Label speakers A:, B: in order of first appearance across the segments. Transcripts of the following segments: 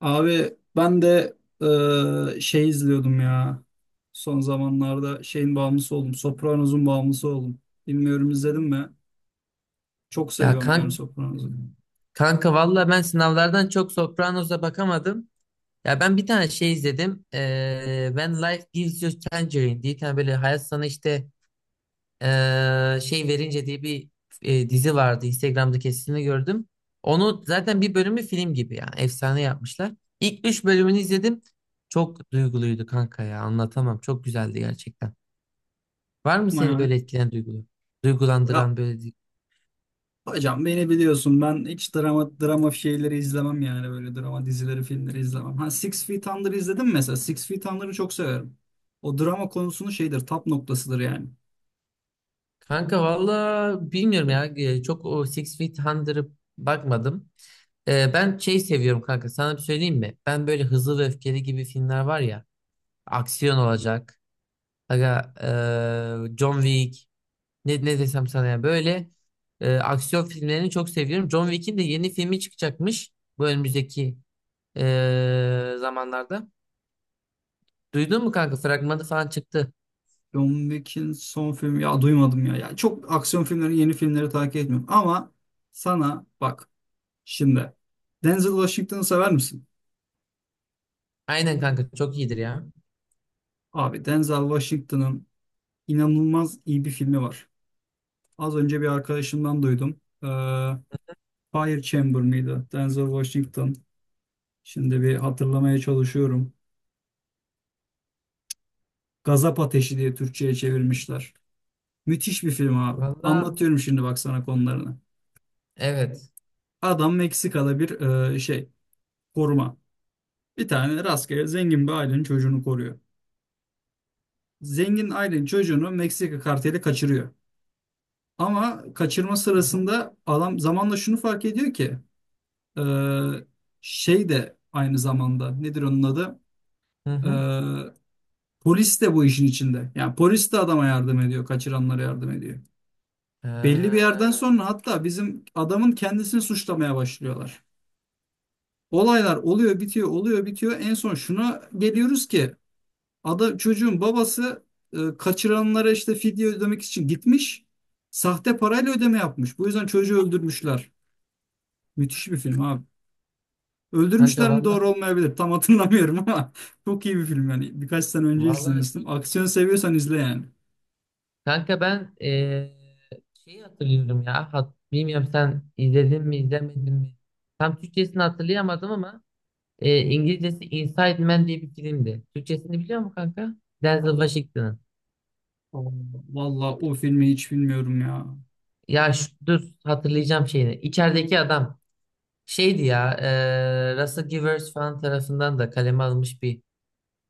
A: Abi ben de şey izliyordum ya. Son zamanlarda şeyin bağımlısı oldum. Sopranos'un bağımlısı oldum. Bilmiyorum, izledim mi? Çok
B: Ya
A: seviyorum yani
B: kan
A: Sopranos'u.
B: kanka, valla ben sınavlardan çok Sopranos'a bakamadım. Ya ben bir tane şey izledim. When Life Gives You Tangerine diye bir tane böyle hayat sana işte şey verince diye bir dizi vardı. Instagram'da kesitini gördüm. Onu zaten bir bölümü film gibi yani efsane yapmışlar. İlk 3 bölümünü izledim. Çok duyguluydu kanka ya, anlatamam. Çok güzeldi gerçekten. Var mı
A: Bakma
B: seni böyle
A: yani.
B: etkileyen duygulu?
A: Ya
B: Duygulandıran böyle.
A: hocam, beni biliyorsun, ben hiç drama drama şeyleri izlemem yani böyle drama dizileri, filmleri izlemem. Ha, Six Feet Under izledim mesela. Six Feet Under'ı çok severim. O drama konusunun şeyidir, tap noktasıdır yani.
B: Kanka valla bilmiyorum ya. Çok o Six Feet Under'ı bakmadım. E, ben şey seviyorum kanka. Sana bir söyleyeyim mi? Ben böyle Hızlı ve Öfkeli gibi filmler var ya. Aksiyon olacak. Aga, John Wick. Ne desem sana ya. Böyle aksiyon filmlerini çok seviyorum. John Wick'in de yeni filmi çıkacakmış. Bu önümüzdeki zamanlarda. Duydun mu kanka? Fragmanı falan çıktı.
A: John Wick'in son filmi ya, duymadım ya. Yani çok aksiyon filmlerini, yeni filmleri takip etmiyorum ama sana bak şimdi, Denzel Washington'ı sever misin?
B: Aynen kanka. Çok iyidir ya.
A: Abi Denzel Washington'ın inanılmaz iyi bir filmi var. Az önce bir arkadaşımdan duydum. Fire Chamber mıydı? Denzel Washington. Şimdi bir hatırlamaya çalışıyorum. Gazap Ateşi diye Türkçe'ye çevirmişler. Müthiş bir film abi.
B: Valla
A: Anlatıyorum şimdi, bak sana konularını.
B: evet.
A: Adam Meksika'da bir şey, koruma. Bir tane rastgele zengin bir ailenin çocuğunu koruyor. Zengin ailenin çocuğunu Meksika karteli kaçırıyor. Ama kaçırma
B: Hı hı.
A: sırasında adam zamanla şunu fark ediyor ki e, şey de aynı zamanda, nedir onun adı?
B: Hı
A: E,
B: hı.
A: Polis de bu işin içinde. Yani polis de adama yardım ediyor, kaçıranlara yardım ediyor. Belli bir yerden
B: Ha,
A: sonra hatta bizim adamın kendisini suçlamaya başlıyorlar. Olaylar oluyor, bitiyor, oluyor, bitiyor. En son şuna geliyoruz ki Ada çocuğun babası kaçıranlara işte fidye ödemek için gitmiş. Sahte parayla ödeme yapmış. Bu yüzden çocuğu öldürmüşler. Müthiş bir film abi.
B: kanka,
A: Öldürmüşler mi,
B: valla,
A: doğru olmayabilir. Tam hatırlamıyorum ama çok iyi bir film yani. Birkaç sene önce
B: valla.
A: izlemiştim. Aksiyon seviyorsan izle yani.
B: kanka, ben şeyi hatırlıyorum ya, bilmiyorum sen izledin mi izlemedin mi, tam Türkçesini hatırlayamadım ama İngilizcesi Inside Man diye bir filmdi. Türkçesini biliyor musun kanka? Denzel Washington'ın.
A: Aa, vallahi o filmi hiç bilmiyorum ya.
B: Ya şu, dur hatırlayacağım şeyini, İçerideki adam şeydi ya. Russell Givers falan tarafından da kaleme alınmış bir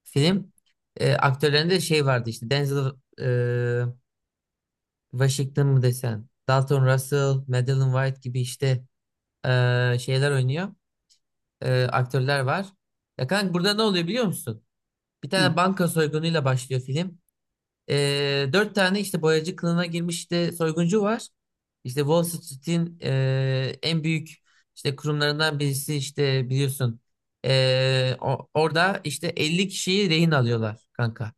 B: film. Aktörlerinde şey vardı, işte Denzel e, Washington mı desen, Dalton Russell, Madeline White gibi işte şeyler oynuyor. Aktörler var. Ya kanka burada ne oluyor biliyor musun? Bir
A: Hı.
B: tane banka soygunuyla başlıyor film. Dört tane işte boyacı kılığına girmiş işte soyguncu var. İşte Wall Street'in en büyük işte kurumlarından birisi, işte biliyorsun. Orada işte 50 kişiyi rehin alıyorlar kanka.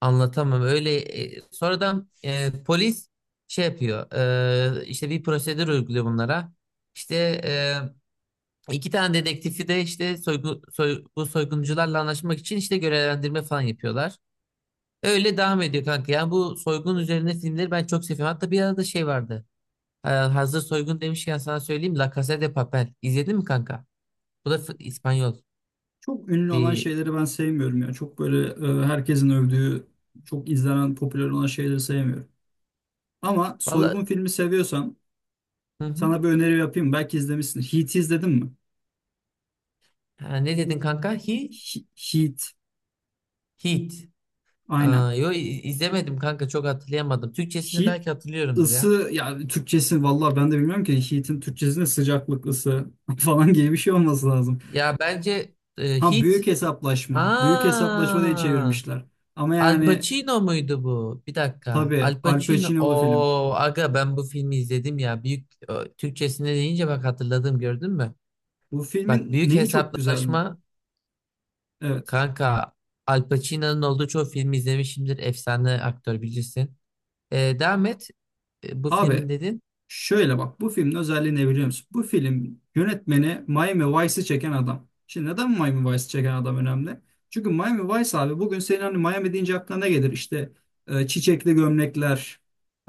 B: Anlatamam. Öyle sonradan polis şey yapıyor. İşte bir prosedür uyguluyor bunlara. İşte e, iki tane dedektifi de işte bu soyguncularla anlaşmak için işte görevlendirme falan yapıyorlar. Öyle devam ediyor kanka. Yani bu soygun üzerine filmleri ben çok seviyorum. Hatta bir arada şey vardı. E, hazır soygun demişken sana söyleyeyim. La Casa de Papel. İzledin mi kanka? Bu da İspanyol.
A: Çok ünlü olan
B: Bir
A: şeyleri ben sevmiyorum ya. Çok böyle herkesin övdüğü, çok izlenen, popüler olan şeyleri sevmiyorum. Ama
B: valla,
A: soygun filmi seviyorsan,
B: hı hı.
A: sana bir öneri yapayım. Belki izlemişsin. Heat izledin mi?
B: Ha, ne dedin kanka? He,
A: Heat.
B: Heat.
A: Aynen.
B: Aa, izlemedim kanka, çok hatırlayamadım. Türkçesini
A: Heat,
B: belki hatırlıyorumdur ya.
A: ısı yani Türkçesi, vallahi ben de bilmiyorum ki Heat'in Türkçesinde sıcaklık, ısı falan gibi bir şey olması lazım.
B: Ya bence
A: Ha,
B: Hit.
A: büyük hesaplaşma. Büyük hesaplaşma diye
B: Aa,
A: çevirmişler. Ama
B: Al
A: yani
B: Pacino muydu bu? Bir dakika.
A: tabii,
B: Al
A: Al
B: Pacino.
A: Pacino'lu film.
B: O aga, ben bu filmi izledim ya. Büyük o, Türkçesine deyince bak hatırladım, gördün mü?
A: Bu
B: Bak,
A: filmin
B: büyük
A: neyi çok güzel.
B: hesaplaşma
A: Evet.
B: kanka. Al Pacino'nun olduğu çoğu filmi izlemişimdir. Efsane aktör, bilirsin. E, devam et. E, bu filmin
A: Abi,
B: dedin.
A: şöyle bak, bu filmin özelliği ne biliyor musun? Bu film yönetmeni Miami Vice'ı çeken adam. Şimdi neden Miami Vice'ı çeken adam önemli? Çünkü Miami Vice abi, bugün senin hani Miami deyince aklına ne gelir? İşte çiçekli gömlekler,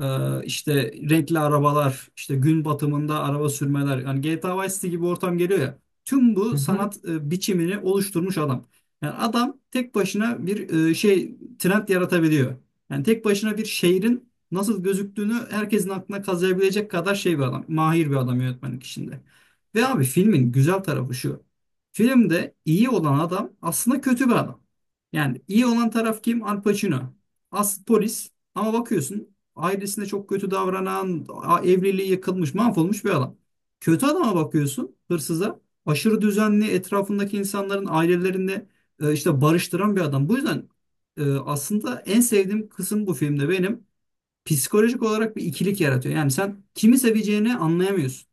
A: e, işte renkli arabalar, işte gün batımında araba sürmeler. Yani GTA Vice City gibi ortam geliyor ya. Tüm
B: Hı
A: bu
B: hı,
A: sanat biçimini oluşturmuş adam. Yani adam tek başına bir şey, trend yaratabiliyor. Yani tek başına bir şehrin nasıl gözüktüğünü herkesin aklına kazıyabilecek kadar şey bir adam, mahir bir adam yönetmenlik işinde. Ve abi, filmin güzel tarafı şu. Filmde iyi olan adam aslında kötü bir adam. Yani iyi olan taraf kim? Al Pacino. As polis, ama bakıyorsun ailesine çok kötü davranan, evliliği yıkılmış, mahvolmuş bir adam. Kötü adama bakıyorsun, hırsıza. Aşırı düzenli, etrafındaki insanların ailelerini işte barıştıran bir adam. Bu yüzden aslında en sevdiğim kısım bu filmde, benim psikolojik olarak bir ikilik yaratıyor. Yani sen kimi seveceğini anlayamıyorsun.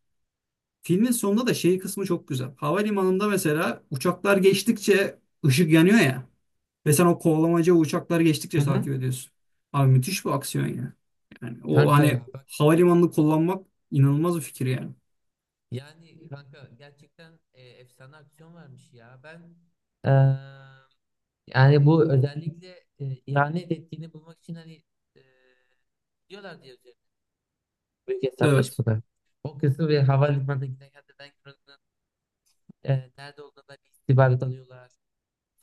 A: Filmin sonunda da şey kısmı çok güzel. Havalimanında mesela uçaklar geçtikçe ışık yanıyor ya. Ve sen o kovalamaca, uçaklar geçtikçe
B: hı hı.
A: takip ediyorsun. Abi, müthiş bir aksiyon ya. Yani o
B: Kanka ya.
A: hani havalimanını kullanmak inanılmaz bir fikir yani.
B: Yani kanka gerçekten efsane aksiyon vermiş ya. Ben eee, yani bu özellikle ihanet ettiğini bulmak için hani e, diyorlar diye üzerine büyük
A: Evet.
B: hesaplaşmalar. O kısım ve havalimanına giden, gerçekten buranın nerede olduğuna dair istihbarat alıyorlar.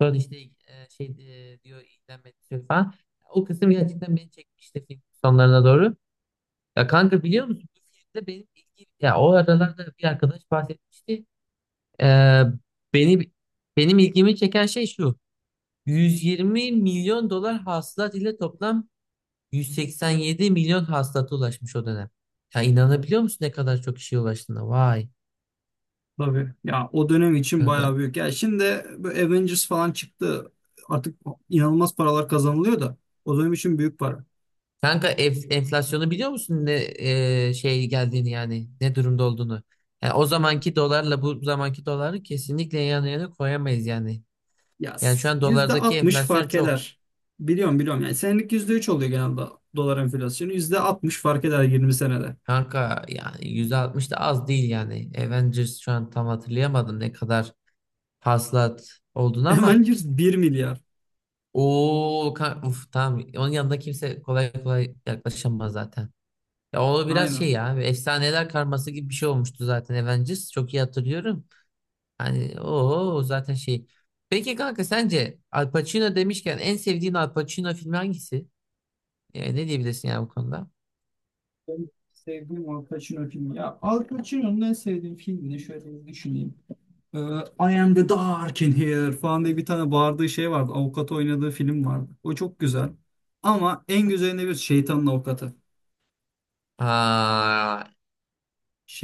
B: Sonra işte şey diyor, idam ettiriyor falan. O kısım gerçekten beni çekmişti film sonlarına doğru. Ya kanka biliyor musun bu filmde benim ilgi, ya o aralarda bir arkadaş bahsetmişti. Ee, beni benim ilgimi çeken şey şu. 120 milyon dolar hasılat ile toplam 187 milyon hasılata ulaşmış o dönem. Ya inanabiliyor musun ne kadar çok işe ulaştığına? Vay
A: Tabii. Ya o dönem için
B: kanka.
A: bayağı büyük. Ya şimdi böyle Avengers falan çıktı. Artık inanılmaz paralar kazanılıyor da o dönem için büyük para.
B: Kanka, enflasyonu biliyor musun ne şey geldiğini, yani ne durumda olduğunu? Yani o zamanki dolarla bu zamanki doları kesinlikle yan yana koyamayız yani.
A: Ya
B: Yani şu an dolardaki
A: %60
B: enflasyon
A: fark
B: çok.
A: eder. Biliyorum, biliyorum. Yani senelik %3 oluyor genelde dolar enflasyonu. %60 fark eder 20 senede.
B: Kanka yani 160 da az değil yani. Avengers şu an tam hatırlayamadım ne kadar hasılat olduğunu ama
A: Hemen 1 milyar.
B: o, uf, tamam, onun yanında kimse kolay kolay yaklaşamaz zaten. Ya o biraz şey
A: Aynen.
B: ya, bir efsaneler karması gibi bir şey olmuştu zaten Avengers, çok iyi hatırlıyorum. Hani o zaten şey. Peki kanka, sence Al Pacino demişken en sevdiğin Al Pacino filmi hangisi? Yani ne diyebilirsin yani bu konuda?
A: Ben sevdiğim Al Pacino filmi. Ya Al Pacino'nun en sevdiğim filmini şöyle bir düşüneyim. Ee, I am the dark in here falan diye bir tane bağırdığı şey vardı. Avukat oynadığı film vardı. O çok güzel. Ama en güzelinde bir Şeytanın Avukatı.
B: Aa,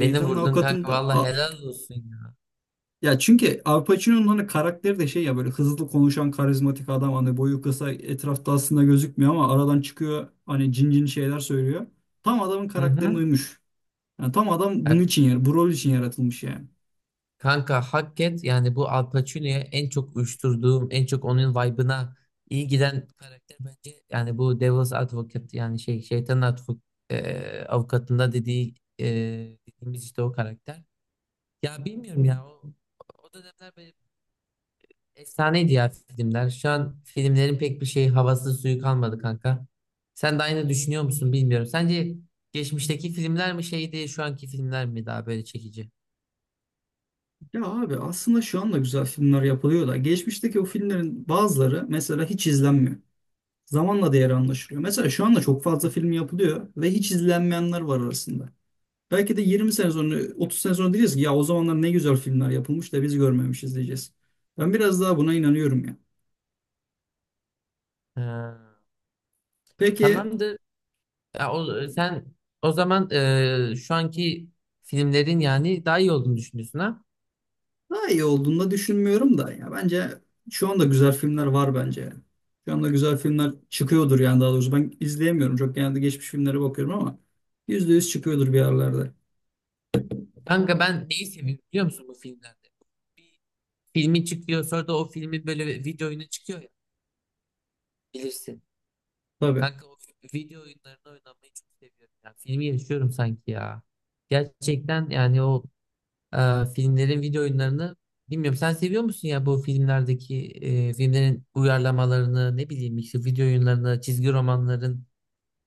B: beni vurdun kanka,
A: Avukatı'nda.
B: vallahi helal olsun ya.
A: Ya çünkü Al Pacino'nun hani karakteri de şey ya, böyle hızlı konuşan karizmatik adam, hani boyu kısa, etrafta aslında gözükmüyor ama aradan çıkıyor, hani cin cin şeyler söylüyor. Tam adamın
B: Hı
A: karakterine
B: hı.
A: uymuş. Yani tam adam
B: Ya
A: bunun için yer, bu rol için yaratılmış yani.
B: kanka hak et yani, bu Al Pacino'ya en çok uyuşturduğum, en çok onun vibe'ına iyi giden karakter bence yani bu Devil's Advocate, yani avukatında dediği dediğimiz işte o karakter. Ya bilmiyorum ya, o, o dönemler efsaneydi ya filmler. Şu an filmlerin pek bir şey havası suyu kalmadı kanka. Sen de aynı düşünüyor musun bilmiyorum. Sence geçmişteki filmler mi şeydi, şu anki filmler mi daha böyle çekici?
A: Ya abi aslında şu anda güzel filmler yapılıyor da geçmişteki o filmlerin bazıları mesela hiç izlenmiyor. Zamanla değeri anlaşılıyor. Mesela şu anda çok fazla film yapılıyor ve hiç izlenmeyenler var arasında. Belki de 20 sene sonra, 30 sene sonra diyeceğiz ki ya o zamanlar ne güzel filmler yapılmış da biz görmemişiz diyeceğiz. Ben biraz daha buna inanıyorum ya.
B: Ha,
A: Peki.
B: tamamdır. Ya o, sen o zaman şu anki filmlerin yani daha iyi olduğunu düşünüyorsun ha?
A: Daha iyi olduğunu da düşünmüyorum da. Ya bence şu anda güzel filmler var bence. Şu anda güzel filmler çıkıyordur yani, daha doğrusu ben izleyemiyorum. Çok genelde geçmiş filmlere bakıyorum ama yüzde yüz çıkıyordur bir yerlerde.
B: Kanka ben neyi seviyorum biliyor musun bu filmlerde? Filmi çıkıyor, sonra da o filmin böyle video oyunu çıkıyor ya, bilirsin.
A: Tabii.
B: Kanka o video oyunlarını oynamayı çok seviyorum. Yani filmi yaşıyorum sanki ya. Gerçekten yani o e, filmlerin video oyunlarını, bilmiyorum. Sen seviyor musun ya bu filmlerdeki filmlerin uyarlamalarını, ne bileyim işte video oyunlarını, çizgi romanların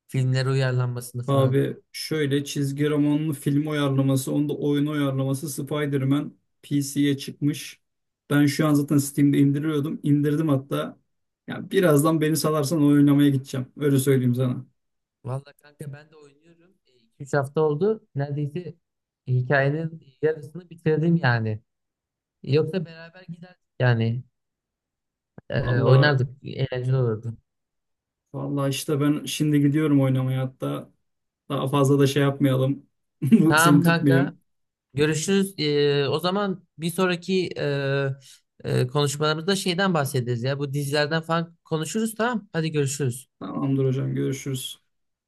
B: filmlere uyarlanmasını falan.
A: Abi şöyle, çizgi romanlı film uyarlaması, onda oyun uyarlaması, Spider-Man PC'ye çıkmış. Ben şu an zaten Steam'de indiriyordum. İndirdim hatta. Ya birazdan beni salarsan oynamaya gideceğim. Öyle söyleyeyim sana.
B: Valla kanka, ben de oynuyorum. 2 3 hafta oldu. Neredeyse hikayenin yarısını bitirdim yani. Yoksa beraber giderdik yani. E,
A: Vallahi
B: oynardık. Eğlenceli olurdu.
A: vallahi işte ben şimdi gidiyorum oynamaya hatta. Daha fazla da şey yapmayalım. Seni
B: Tamam kanka.
A: tutmayayım.
B: Görüşürüz. O zaman bir sonraki konuşmalarımızda şeyden bahsederiz ya. Bu dizilerden falan konuşuruz, tamam. Hadi görüşürüz.
A: Tamamdır hocam, görüşürüz.